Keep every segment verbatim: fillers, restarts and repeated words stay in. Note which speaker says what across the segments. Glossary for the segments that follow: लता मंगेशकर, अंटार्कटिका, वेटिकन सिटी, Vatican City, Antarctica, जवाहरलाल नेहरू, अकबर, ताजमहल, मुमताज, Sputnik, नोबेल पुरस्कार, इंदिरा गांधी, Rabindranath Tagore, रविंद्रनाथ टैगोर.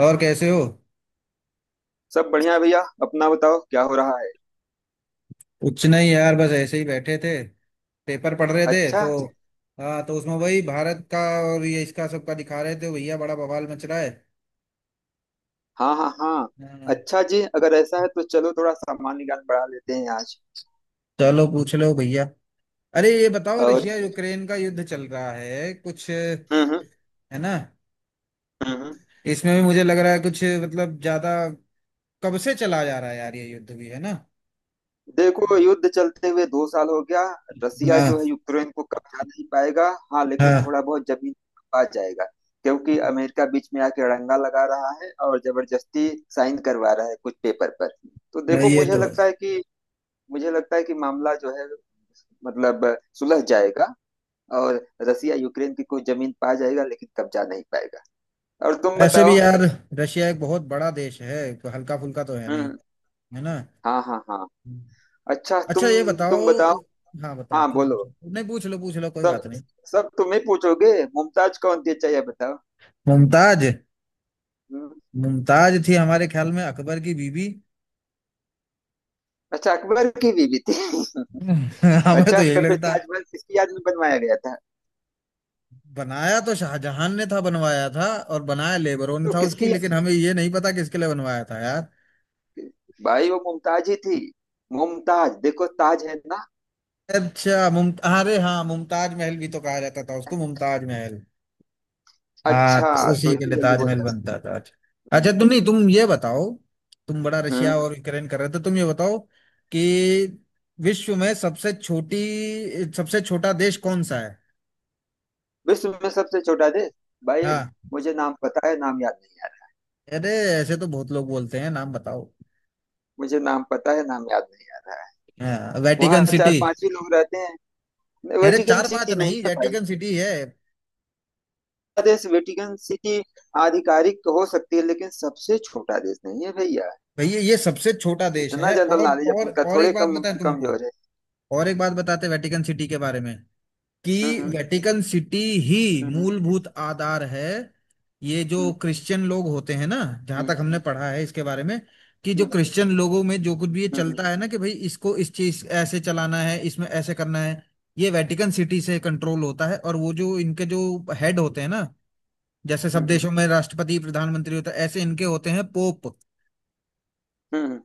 Speaker 1: और कैसे हो?
Speaker 2: सब बढ़िया है भैया। अपना बताओ, क्या हो रहा है?
Speaker 1: कुछ नहीं यार, बस ऐसे ही बैठे थे, पेपर पढ़ रहे थे।
Speaker 2: अच्छा।
Speaker 1: तो हाँ, तो उसमें वही भारत का और ये इसका सबका दिखा रहे थे भैया, बड़ा बवाल मच रहा है।
Speaker 2: हाँ हाँ हाँ।
Speaker 1: हाँ,
Speaker 2: अच्छा जी, अगर ऐसा है तो चलो थोड़ा सामान्य ज्ञान बढ़ा लेते हैं आज।
Speaker 1: चलो पूछ लो भैया। अरे ये बताओ,
Speaker 2: और
Speaker 1: रशिया यूक्रेन का युद्ध चल रहा है कुछ
Speaker 2: हम्म
Speaker 1: है
Speaker 2: हम्म
Speaker 1: ना,
Speaker 2: हम्म हम्म।
Speaker 1: इसमें भी मुझे लग रहा है कुछ मतलब ज्यादा कब से चला जा रहा है यार ये युद्ध भी, है ना?
Speaker 2: देखो, युद्ध चलते हुए दो साल हो गया। रसिया जो है
Speaker 1: हाँ,
Speaker 2: यूक्रेन को कब्जा नहीं पाएगा, हाँ लेकिन
Speaker 1: हाँ,
Speaker 2: थोड़ा बहुत जमीन पा जाएगा। क्योंकि अमेरिका बीच में आके अड़ंगा लगा रहा है और जबरदस्ती साइन करवा रहा है कुछ पेपर पर। तो देखो,
Speaker 1: ये
Speaker 2: मुझे
Speaker 1: तो
Speaker 2: लगता
Speaker 1: है।
Speaker 2: है कि मुझे लगता है कि मामला जो है, मतलब, सुलझ जाएगा। और रसिया यूक्रेन की कोई जमीन पा जाएगा लेकिन कब्जा नहीं पाएगा। और तुम
Speaker 1: ऐसे
Speaker 2: बताओ।
Speaker 1: भी यार, रशिया एक बहुत बड़ा देश है, हल्का फुल्का तो है नहीं,
Speaker 2: हम्म।
Speaker 1: है ना।
Speaker 2: हाँ हाँ हाँ। अच्छा
Speaker 1: अच्छा
Speaker 2: तुम
Speaker 1: ये बताओ।
Speaker 2: तुम बताओ।
Speaker 1: हाँ बताओ,
Speaker 2: हाँ
Speaker 1: तुम
Speaker 2: बोलो।
Speaker 1: पूछो, नहीं पूछ लो, पूछ लो, कोई
Speaker 2: सब
Speaker 1: बात नहीं।
Speaker 2: सब तुम ही पूछोगे। मुमताज कौन थी, अच्छा ये बताओ।
Speaker 1: मुमताज।
Speaker 2: हम्म।
Speaker 1: मुमताज थी हमारे ख्याल में अकबर की बीबी।
Speaker 2: अच्छा, अकबर की बीवी थी
Speaker 1: हमें तो
Speaker 2: अच्छा,
Speaker 1: यही
Speaker 2: सफेद
Speaker 1: लगता।
Speaker 2: ताजमहल किसकी याद में बनवाया गया था?
Speaker 1: बनाया तो शाहजहां ने था, बनवाया था, और बनाया लेबरों ने
Speaker 2: तो
Speaker 1: था उसकी,
Speaker 2: किसकी?
Speaker 1: लेकिन हमें ये नहीं पता किसके लिए बनवाया था यार।
Speaker 2: भाई वो मुमताज ही थी। मुमताज, देखो, ताज है ना।
Speaker 1: अच्छा मुमता अरे हाँ, मुमताज महल भी तो कहा जाता था उसको, मुमताज महल। हाँ
Speaker 2: अच्छा।
Speaker 1: तो
Speaker 2: तो
Speaker 1: उसी के
Speaker 2: इतनी
Speaker 1: लिए
Speaker 2: जल्दी बोल
Speaker 1: ताजमहल
Speaker 2: जाओ।
Speaker 1: बनता था। अच्छा अच्छा,
Speaker 2: हम्म
Speaker 1: तुम नहीं तुम ये बताओ, तुम बड़ा रशिया
Speaker 2: हम्म।
Speaker 1: और यूक्रेन कर रहे थे, तुम ये बताओ कि विश्व में सबसे छोटी सबसे छोटा देश कौन सा है?
Speaker 2: विश्व में सबसे छोटा देश? भाई
Speaker 1: हाँ।
Speaker 2: मुझे नाम पता है, नाम याद नहीं।
Speaker 1: अरे ऐसे तो बहुत लोग बोलते हैं, नाम बताओ।
Speaker 2: मुझे नाम पता है, नाम याद नहीं आ रहा है।
Speaker 1: हाँ, वेटिकन
Speaker 2: वहाँ
Speaker 1: सिटी।
Speaker 2: चार पांच ही लोग रहते हैं।
Speaker 1: अरे
Speaker 2: वेटिकन
Speaker 1: चार पांच
Speaker 2: सिटी नहीं
Speaker 1: नहीं,
Speaker 2: है भाई।
Speaker 1: वेटिकन सिटी है।
Speaker 2: देश वेटिकन सिटी आधिकारिक तो हो सकती है लेकिन सबसे छोटा देश नहीं है भैया।
Speaker 1: भैया ये सबसे छोटा देश
Speaker 2: इतना
Speaker 1: है।
Speaker 2: जनरल
Speaker 1: और
Speaker 2: नॉलेज
Speaker 1: और
Speaker 2: अपन का
Speaker 1: और एक
Speaker 2: थोड़े
Speaker 1: बात
Speaker 2: कम
Speaker 1: बताएं तुमको,
Speaker 2: कमजोर है।
Speaker 1: और एक बात बताते हैं वेटिकन सिटी के बारे में कि
Speaker 2: हम्म
Speaker 1: वेटिकन सिटी ही
Speaker 2: हम्म
Speaker 1: मूलभूत आधार है। ये जो
Speaker 2: हम्म
Speaker 1: क्रिश्चियन लोग होते हैं ना, जहां
Speaker 2: हम्म
Speaker 1: तक हमने पढ़ा है इसके बारे में, कि जो
Speaker 2: हम्म
Speaker 1: क्रिश्चियन लोगों में जो कुछ भी ये
Speaker 2: हम्म हम्म
Speaker 1: चलता है ना, कि भाई इसको इस चीज ऐसे चलाना है, इसमें ऐसे करना है, ये वेटिकन सिटी से कंट्रोल होता है। और वो जो इनके जो हेड होते हैं ना, जैसे
Speaker 2: हम्म
Speaker 1: सब
Speaker 2: हम्म,
Speaker 1: देशों में राष्ट्रपति प्रधानमंत्री होता है, ऐसे इनके होते हैं पोप।
Speaker 2: हम्म, हम्म,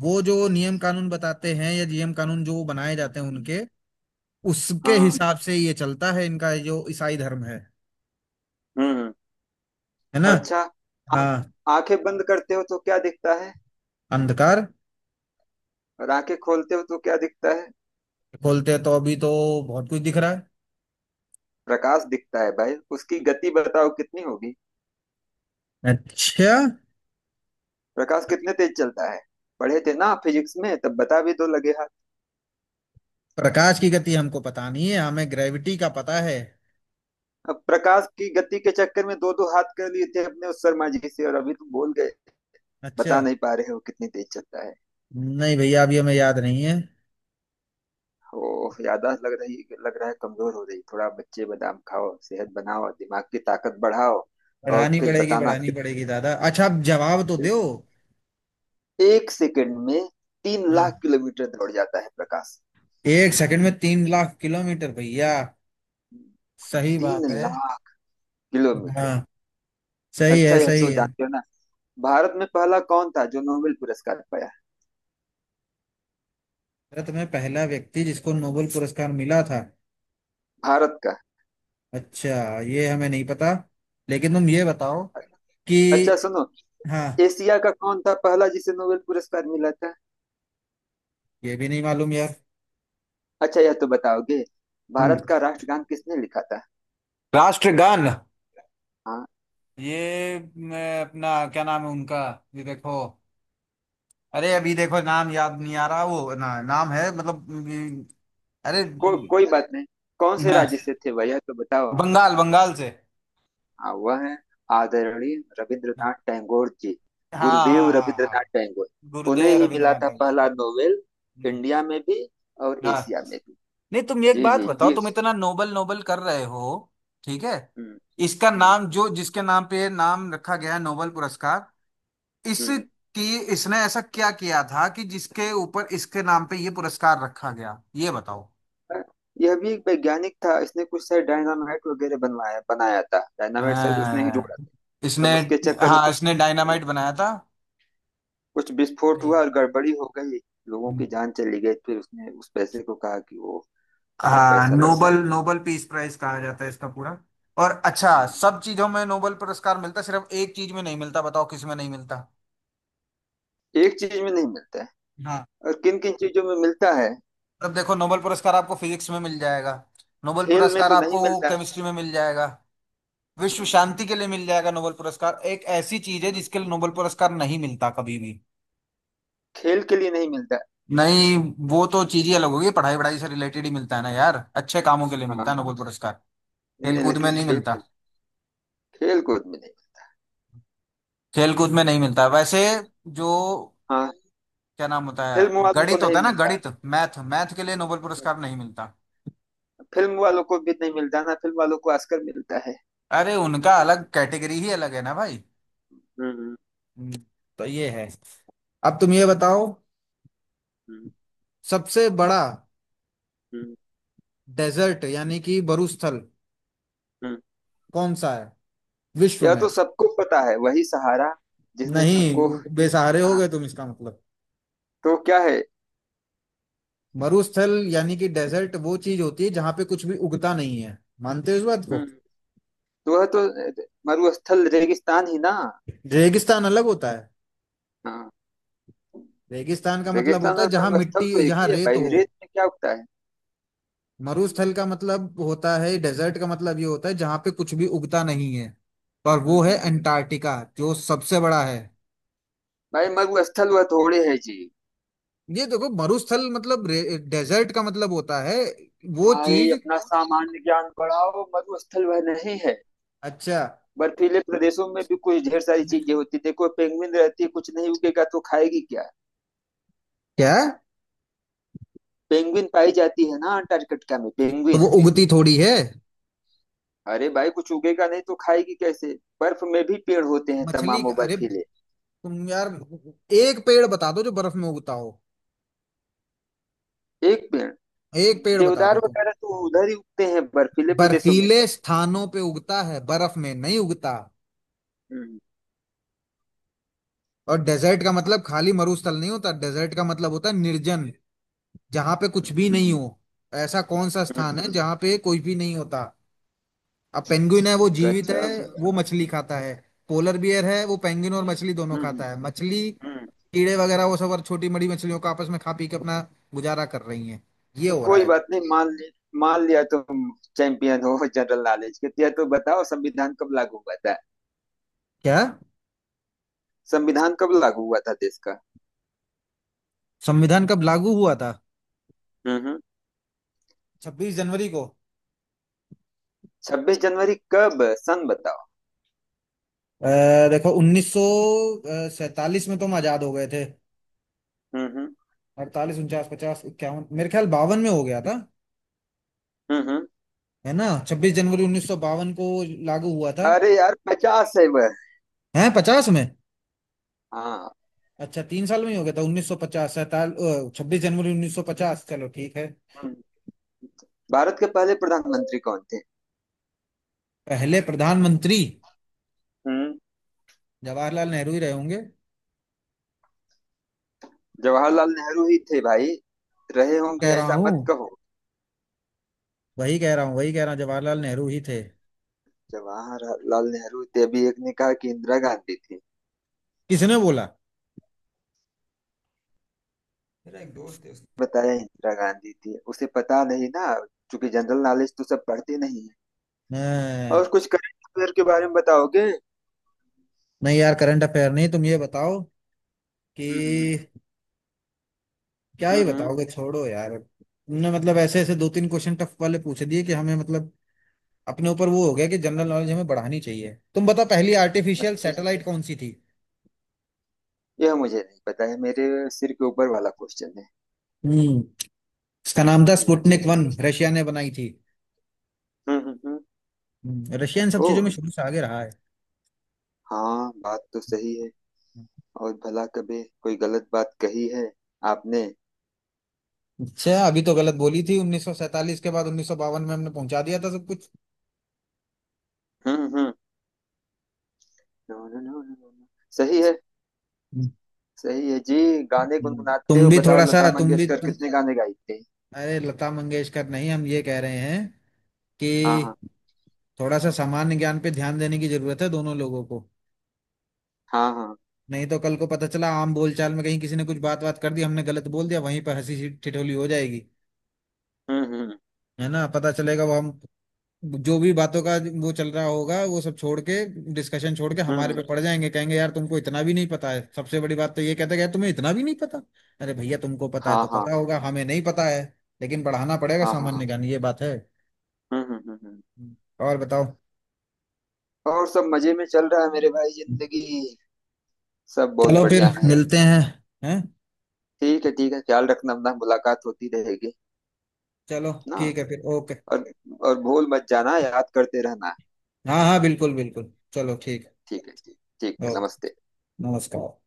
Speaker 1: वो जो नियम कानून बताते हैं, या नियम कानून जो बनाए
Speaker 2: हम्म,
Speaker 1: जाते हैं उनके, उसके
Speaker 2: हाँ।
Speaker 1: हिसाब से ये चलता है इनका जो ईसाई धर्म है
Speaker 2: हम्म हम्म।
Speaker 1: है ना।
Speaker 2: अच्छा। आ-
Speaker 1: हाँ।
Speaker 2: आंखें बंद करते हो तो क्या दिखता है?
Speaker 1: अंधकार।
Speaker 2: और आंखें खोलते हो तो क्या दिखता है?
Speaker 1: खोलते हैं तो अभी तो बहुत कुछ दिख रहा है।
Speaker 2: प्रकाश दिखता है भाई, उसकी गति बताओ कितनी होगी?
Speaker 1: अच्छा।
Speaker 2: प्रकाश कितने तेज चलता है? पढ़े थे ना फिजिक्स में, तब बता भी दो लगे हाथ।
Speaker 1: प्रकाश की गति हमको पता नहीं है, हमें ग्रेविटी का पता है।
Speaker 2: अब प्रकाश की गति के चक्कर में दो दो हाथ कर लिए थे अपने उस शर्मा जी से और अभी तुम भूल गए?
Speaker 1: अच्छा।
Speaker 2: बता नहीं पा रहे हो कितनी तेज चलता है।
Speaker 1: नहीं भैया, अभी हमें याद नहीं है।
Speaker 2: ओह, याददाश्त लग रही, लग रहा है कमजोर हो रही। थोड़ा बच्चे बादाम खाओ, सेहत बनाओ, दिमाग की ताकत बढ़ाओ। और
Speaker 1: पढ़ानी
Speaker 2: फिर
Speaker 1: पड़ेगी,
Speaker 2: बताना
Speaker 1: पढ़ानी
Speaker 2: कितना।
Speaker 1: पड़ेगी दादा, अच्छा आप जवाब तो दो।
Speaker 2: एक सेकंड में तीन लाख
Speaker 1: हाँ,
Speaker 2: किलोमीटर दौड़ जाता है प्रकाश।
Speaker 1: एक सेकंड में तीन लाख किलोमीटर भैया, सही
Speaker 2: तीन
Speaker 1: बात है।
Speaker 2: लाख
Speaker 1: हाँ
Speaker 2: किलोमीटर
Speaker 1: सही
Speaker 2: अच्छा,
Speaker 1: है,
Speaker 2: यह
Speaker 1: सही
Speaker 2: तो
Speaker 1: है।
Speaker 2: जानते हो ना, भारत में पहला कौन था जो नोबेल पुरस्कार पाया?
Speaker 1: भारत में पहला व्यक्ति जिसको नोबेल पुरस्कार मिला था,
Speaker 2: भारत का।
Speaker 1: अच्छा ये हमें नहीं पता, लेकिन तुम ये बताओ कि
Speaker 2: अच्छा सुनो,
Speaker 1: हाँ,
Speaker 2: एशिया का कौन था पहला जिसे नोबेल पुरस्कार मिला था?
Speaker 1: ये भी नहीं मालूम यार।
Speaker 2: अच्छा यह तो बताओगे,
Speaker 1: हम्म।
Speaker 2: भारत का राष्ट्रगान किसने लिखा था?
Speaker 1: राष्ट्रगान,
Speaker 2: हाँ।
Speaker 1: ये मैं अपना क्या नाम है उनका, ये देखो, अरे अभी देखो नाम याद नहीं आ रहा, वो ना नाम है मतलब ये- अरे,
Speaker 2: को, कोई बात नहीं। कौन से
Speaker 1: ना,
Speaker 2: राज्य से थे वह, यह तो बताओ।
Speaker 1: बंगाल, बंगाल से।
Speaker 2: हाँ, वह है आदरणीय
Speaker 1: हाँ,
Speaker 2: रविंद्रनाथ टैगोर जी।
Speaker 1: हाँ,
Speaker 2: गुरुदेव
Speaker 1: हाँ, हाँ,
Speaker 2: रविंद्रनाथ टैगोर। उन्हें
Speaker 1: गुरुदेव
Speaker 2: ही मिला
Speaker 1: रविंद्रनाथ
Speaker 2: था
Speaker 1: टैगोर जी।
Speaker 2: पहला नोबेल,
Speaker 1: हम्म,
Speaker 2: इंडिया में भी और
Speaker 1: हाँ।
Speaker 2: एशिया में भी।
Speaker 1: नहीं तुम एक
Speaker 2: जी
Speaker 1: बात
Speaker 2: जी
Speaker 1: बताओ,
Speaker 2: जी।
Speaker 1: तुम इतना नोबल नोबल कर रहे हो, ठीक है,
Speaker 2: हम्म
Speaker 1: इसका
Speaker 2: हम्म
Speaker 1: नाम, जो जिसके नाम पे ये नाम रखा गया है, नोबल पुरस्कार,
Speaker 2: हम्म।
Speaker 1: इसकी, इसने ऐसा क्या किया था कि जिसके ऊपर, इसके नाम पे ये पुरस्कार रखा गया, ये बताओ।
Speaker 2: यह भी एक वैज्ञानिक था, इसने कुछ शायद डायनामाइट वगैरह बनवाया, बनाया था। डायनामाइट शायद उसने ही
Speaker 1: अ,
Speaker 2: जोड़ा था।
Speaker 1: इसने,
Speaker 2: अब उसके चक्कर में
Speaker 1: हाँ
Speaker 2: कुछ,
Speaker 1: इसने डायनामाइट
Speaker 2: कुछ
Speaker 1: बनाया था।
Speaker 2: कुछ विस्फोट
Speaker 1: नहीं
Speaker 2: हुआ
Speaker 1: है।
Speaker 2: और गड़बड़ी हो गई। लोगों की जान चली गई, फिर उसने उस पैसे को कहा कि वो यह
Speaker 1: हाँ,
Speaker 2: पैसा लगना
Speaker 1: नोबल, नोबल पीस प्राइज कहा जाता है इसका पूरा। और अच्छा,
Speaker 2: है। हम्म।
Speaker 1: सब चीजों में नोबल पुरस्कार मिलता है, सिर्फ एक चीज में नहीं मिलता, बताओ किस में नहीं मिलता?
Speaker 2: एक चीज में नहीं मिलता है।
Speaker 1: हाँ।
Speaker 2: और किन किन चीजों में मिलता है?
Speaker 1: अब देखो नोबल पुरस्कार आपको फिजिक्स में मिल जाएगा, नोबल
Speaker 2: खेल में
Speaker 1: पुरस्कार
Speaker 2: तो नहीं
Speaker 1: आपको
Speaker 2: मिलता है।
Speaker 1: केमिस्ट्री में मिल जाएगा, विश्व
Speaker 2: हाँ,
Speaker 1: शांति के लिए मिल जाएगा। नोबेल पुरस्कार, एक ऐसी चीज है
Speaker 2: हाँ।
Speaker 1: जिसके लिए नोबेल पुरस्कार नहीं मिलता कभी भी।
Speaker 2: खेल के लिए नहीं मिलता है।
Speaker 1: नहीं, वो तो चीज ही अलग होगी, पढ़ाई वढ़ाई से रिलेटेड ही मिलता है ना यार, अच्छे कामों के लिए
Speaker 2: हाँ।
Speaker 1: मिलता है नोबेल पुरस्कार।
Speaker 2: नहीं
Speaker 1: खेल
Speaker 2: नहीं,
Speaker 1: कूद में
Speaker 2: लेकिन
Speaker 1: नहीं मिलता,
Speaker 2: खेल, खेल कूद में नहीं।
Speaker 1: खेल कूद में नहीं मिलता वैसे। जो
Speaker 2: हाँ।
Speaker 1: क्या नाम होता है,
Speaker 2: फिल्म वालों को
Speaker 1: गणित
Speaker 2: नहीं
Speaker 1: होता है ना,
Speaker 2: मिलता
Speaker 1: गणित, मैथ, मैथ के लिए नोबेल
Speaker 2: है।
Speaker 1: पुरस्कार नहीं मिलता।
Speaker 2: फिल्म वालों को भी नहीं मिलता ना, फिल्म वालों को ऑस्कर मिलता है।
Speaker 1: अरे उनका
Speaker 2: हम्म
Speaker 1: अलग, कैटेगरी ही अलग है ना भाई।
Speaker 2: हम्म।
Speaker 1: हम्म, तो ये है। अब तुम ये बताओ, सबसे बड़ा
Speaker 2: हम्म
Speaker 1: डेजर्ट, यानी कि मरुस्थल,
Speaker 2: हम्म।
Speaker 1: कौन सा है विश्व
Speaker 2: यह
Speaker 1: में?
Speaker 2: तो सबको पता है, वही सहारा। जिसने
Speaker 1: नहीं,
Speaker 2: सबको।
Speaker 1: वो बेसहारे हो
Speaker 2: हाँ।
Speaker 1: गए तुम, इसका मतलब,
Speaker 2: तो क्या है?
Speaker 1: मरुस्थल यानी कि डेजर्ट, वो चीज होती है जहां पे कुछ भी उगता नहीं है, मानते हो इस बात को?
Speaker 2: हम्म। तो वह तो, मरुस्थल रेगिस्तान ही ना।
Speaker 1: रेगिस्तान अलग होता है,
Speaker 2: हाँ।
Speaker 1: रेगिस्तान का मतलब
Speaker 2: रेगिस्तान
Speaker 1: होता है
Speaker 2: और
Speaker 1: जहां
Speaker 2: मरुस्थल
Speaker 1: मिट्टी,
Speaker 2: तो एक
Speaker 1: जहां
Speaker 2: ही है
Speaker 1: रेत
Speaker 2: भाई,
Speaker 1: हो।
Speaker 2: रेत में क्या उगता है? हम्म,
Speaker 1: मरुस्थल का मतलब होता है, डेजर्ट का मतलब ये होता है जहां पे कुछ भी उगता नहीं है, और वो
Speaker 2: हम्म।
Speaker 1: है
Speaker 2: हम्म।
Speaker 1: अंटार्कटिका, जो सबसे बड़ा है।
Speaker 2: भाई मरुस्थल वह थोड़े है जी।
Speaker 1: ये देखो, मरुस्थल मतलब रे- डेजर्ट का मतलब होता है वो
Speaker 2: भाई
Speaker 1: चीज।
Speaker 2: अपना सामान्य ज्ञान बढ़ाओ, मरुस्थल वह नहीं है।
Speaker 1: अच्छा
Speaker 2: बर्फीले प्रदेशों में भी कुछ ढेर सारी चीजें होती, देखो पेंगुइन रहती है, कुछ नहीं उगेगा तो खाएगी क्या?
Speaker 1: क्या,
Speaker 2: पेंगुइन पाई जाती है ना अंटार्कटिका में,
Speaker 1: तो वो
Speaker 2: पेंगुइन।
Speaker 1: उगती थोड़ी है।
Speaker 2: अरे भाई कुछ उगेगा नहीं तो खाएगी कैसे? बर्फ में भी पेड़ होते हैं
Speaker 1: मछली
Speaker 2: तमामों
Speaker 1: का- अरे
Speaker 2: बर्फीले।
Speaker 1: तुम यार, एक पेड़ बता दो जो बर्फ में उगता हो,
Speaker 2: एक पेड़।
Speaker 1: एक पेड़ बता
Speaker 2: देवदार
Speaker 1: दो तुम।
Speaker 2: वगैरह तो उधर ही उगते हैं बर्फीले प्रदेशों में
Speaker 1: बर्फीले
Speaker 2: भी।
Speaker 1: स्थानों पे उगता है, बर्फ में नहीं उगता।
Speaker 2: हम्म
Speaker 1: और डेजर्ट का मतलब खाली मरुस्थल नहीं होता, डेजर्ट का मतलब होता है निर्जन, जहां पे कुछ भी
Speaker 2: हम्म।
Speaker 1: नहीं हो। ऐसा कौन सा स्थान
Speaker 2: हम्म,
Speaker 1: है जहां पे कोई भी नहीं होता? अब पेंगुइन है, वो जीवित है,
Speaker 2: गजब।
Speaker 1: वो मछली खाता है, पोलर बियर है वो पेंगुइन और मछली दोनों
Speaker 2: हम्म
Speaker 1: खाता है, मछली,
Speaker 2: हम्म।
Speaker 1: कीड़े वगैरह वो सब, और छोटी बड़ी मछलियों को आपस में खा पी के अपना गुजारा कर रही है, ये
Speaker 2: तो
Speaker 1: हो रहा
Speaker 2: कोई
Speaker 1: है।
Speaker 2: बात नहीं, मान ले। मान लिया तुम चैंपियन हो जनरल नॉलेज के। तो या तो बताओ, संविधान कब लागू हुआ था?
Speaker 1: क्या?
Speaker 2: संविधान कब लागू हुआ था देश का?
Speaker 1: संविधान कब लागू हुआ था?
Speaker 2: हम्म हम्म।
Speaker 1: छब्बीस जनवरी को।
Speaker 2: छब्बीस जनवरी कब, सन बताओ।
Speaker 1: अ, देखो, उन्नीस सौ सैतालीस में तो हम आजाद हो गए थे,
Speaker 2: हम्म
Speaker 1: अड़तालीस, उनचास, पचास, इक्यावन, मेरे ख्याल बावन में हो गया था,
Speaker 2: हम्म हम्म।
Speaker 1: है ना, छब्बीस जनवरी उन्नीस सौ बावन को लागू हुआ था।
Speaker 2: अरे यार पचास है वह।
Speaker 1: है पचास में?
Speaker 2: हाँ।
Speaker 1: अच्छा, तीन साल में ही हो गया था, उन्नीस सौ पचास सैताल छब्बीस जनवरी उन्नीस सौ पचास, चलो ठीक है।
Speaker 2: हम्म। भारत के पहले प्रधानमंत्री कौन थे?
Speaker 1: पहले प्रधानमंत्री,
Speaker 2: हम्म।
Speaker 1: जवाहरलाल नेहरू ही रहे होंगे।
Speaker 2: जवाहरलाल नेहरू ही थे भाई। रहे
Speaker 1: कह
Speaker 2: होंगे
Speaker 1: रहा
Speaker 2: ऐसा मत
Speaker 1: हूँ,
Speaker 2: कहो।
Speaker 1: वही कह रहा हूँ वही कह रहा हूँ जवाहरलाल नेहरू ही थे।
Speaker 2: जवाहरलाल नेहरू थे, अभी एक ने कहा कि इंदिरा गांधी थी।
Speaker 1: किसने बोला?
Speaker 2: मेरा एक दोस्त है, उसने बताया इंदिरा गांधी थी, उसे पता नहीं ना, क्योंकि जनरल नॉलेज तो सब पढ़ते नहीं है।
Speaker 1: अ,
Speaker 2: और कुछ करंट अफेयर के बारे में बताओगे?
Speaker 1: नहीं यार करंट अफेयर नहीं, तुम ये बताओ कि
Speaker 2: हम्म
Speaker 1: क्या
Speaker 2: हम्म
Speaker 1: ही
Speaker 2: हम्म, हम्म।
Speaker 1: बताओगे, छोड़ो यार, तुमने मतलब ऐसे ऐसे दो तीन क्वेश्चन टफ वाले पूछ दिए कि हमें, मतलब अपने ऊपर वो हो गया कि जनरल नॉलेज हमें बढ़ानी चाहिए। तुम बताओ, पहली आर्टिफिशियल
Speaker 2: अच्छा,
Speaker 1: सैटेलाइट कौन सी थी?
Speaker 2: यह मुझे नहीं पता है, मेरे सिर के ऊपर वाला क्वेश्चन है।
Speaker 1: हम्म। इसका नाम था
Speaker 2: जी हाँ जी
Speaker 1: स्पुतनिक
Speaker 2: हाँ।
Speaker 1: वन, रशिया ने बनाई थी।
Speaker 2: हम्म हम्म हम्म।
Speaker 1: हम्म, रशिया इन सब
Speaker 2: ओह।
Speaker 1: चीजों में शुरू से आगे रहा है।
Speaker 2: हाँ बात तो सही है। और भला कभी कोई गलत बात कही है आपने?
Speaker 1: अच्छा, अभी तो गलत बोली थी, उन्नीस सौ सैंतालीस के बाद उन्नीस सौ बावन में हमने पहुंचा दिया था सब कुछ।
Speaker 2: हम्म हम्म। No no no no no no. सही है, सही है जी। गाने
Speaker 1: हम्म।
Speaker 2: गुनगुनाते
Speaker 1: तुम
Speaker 2: हो,
Speaker 1: भी
Speaker 2: बताओ
Speaker 1: थोड़ा
Speaker 2: लता
Speaker 1: सा तुम भी
Speaker 2: मंगेशकर
Speaker 1: तुम
Speaker 2: कितने गाने गाई थी?
Speaker 1: अरे लता मंगेशकर नहीं, हम ये कह रहे हैं
Speaker 2: हाँ हाँ
Speaker 1: कि थोड़ा सा सामान्य ज्ञान पे ध्यान देने की जरूरत है, दोनों लोगों को।
Speaker 2: हाँ हाँ।
Speaker 1: नहीं तो कल को पता चला, आम बोलचाल में कहीं किसी ने कुछ बात बात कर दी, हमने गलत बोल दिया, वहीं पर हंसी ठिठोली हो जाएगी,
Speaker 2: हम्म हम्म
Speaker 1: है ना। पता चलेगा वो हम जो भी बातों का वो चल रहा होगा, वो सब छोड़ के, डिस्कशन छोड़ के,
Speaker 2: हम्म हम्म।
Speaker 1: हमारे पे पड़ जाएंगे, कहेंगे यार तुमको इतना भी नहीं पता है, सबसे बड़ी बात तो ये, कहते गए तुम्हें इतना भी नहीं पता। अरे भैया तुमको पता है
Speaker 2: हाँ
Speaker 1: तो
Speaker 2: हाँ
Speaker 1: पता होगा, हमें नहीं पता है, लेकिन बढ़ाना पड़ेगा
Speaker 2: हाँ हाँ हाँ।
Speaker 1: सामान्य ज्ञान, ये बात है।
Speaker 2: हम्म हम्म हम्म हम्म।
Speaker 1: और बताओ।
Speaker 2: और सब मजे में चल रहा है मेरे भाई, जिंदगी सब बहुत
Speaker 1: चलो फिर
Speaker 2: बढ़िया है।
Speaker 1: मिलते हैं। हैं?
Speaker 2: ठीक है ठीक है, ख्याल रखना अपना, मुलाकात होती रहेगी
Speaker 1: चलो
Speaker 2: ना।
Speaker 1: ठीक है, फिर ओके।
Speaker 2: और और भूल मत जाना, याद करते रहना।
Speaker 1: हाँ हाँ, बिल्कुल बिल्कुल, चलो, ठीक
Speaker 2: ठीक है, ठीक, ठीक
Speaker 1: है,
Speaker 2: है,
Speaker 1: ओके,
Speaker 2: नमस्ते।
Speaker 1: नमस्कार।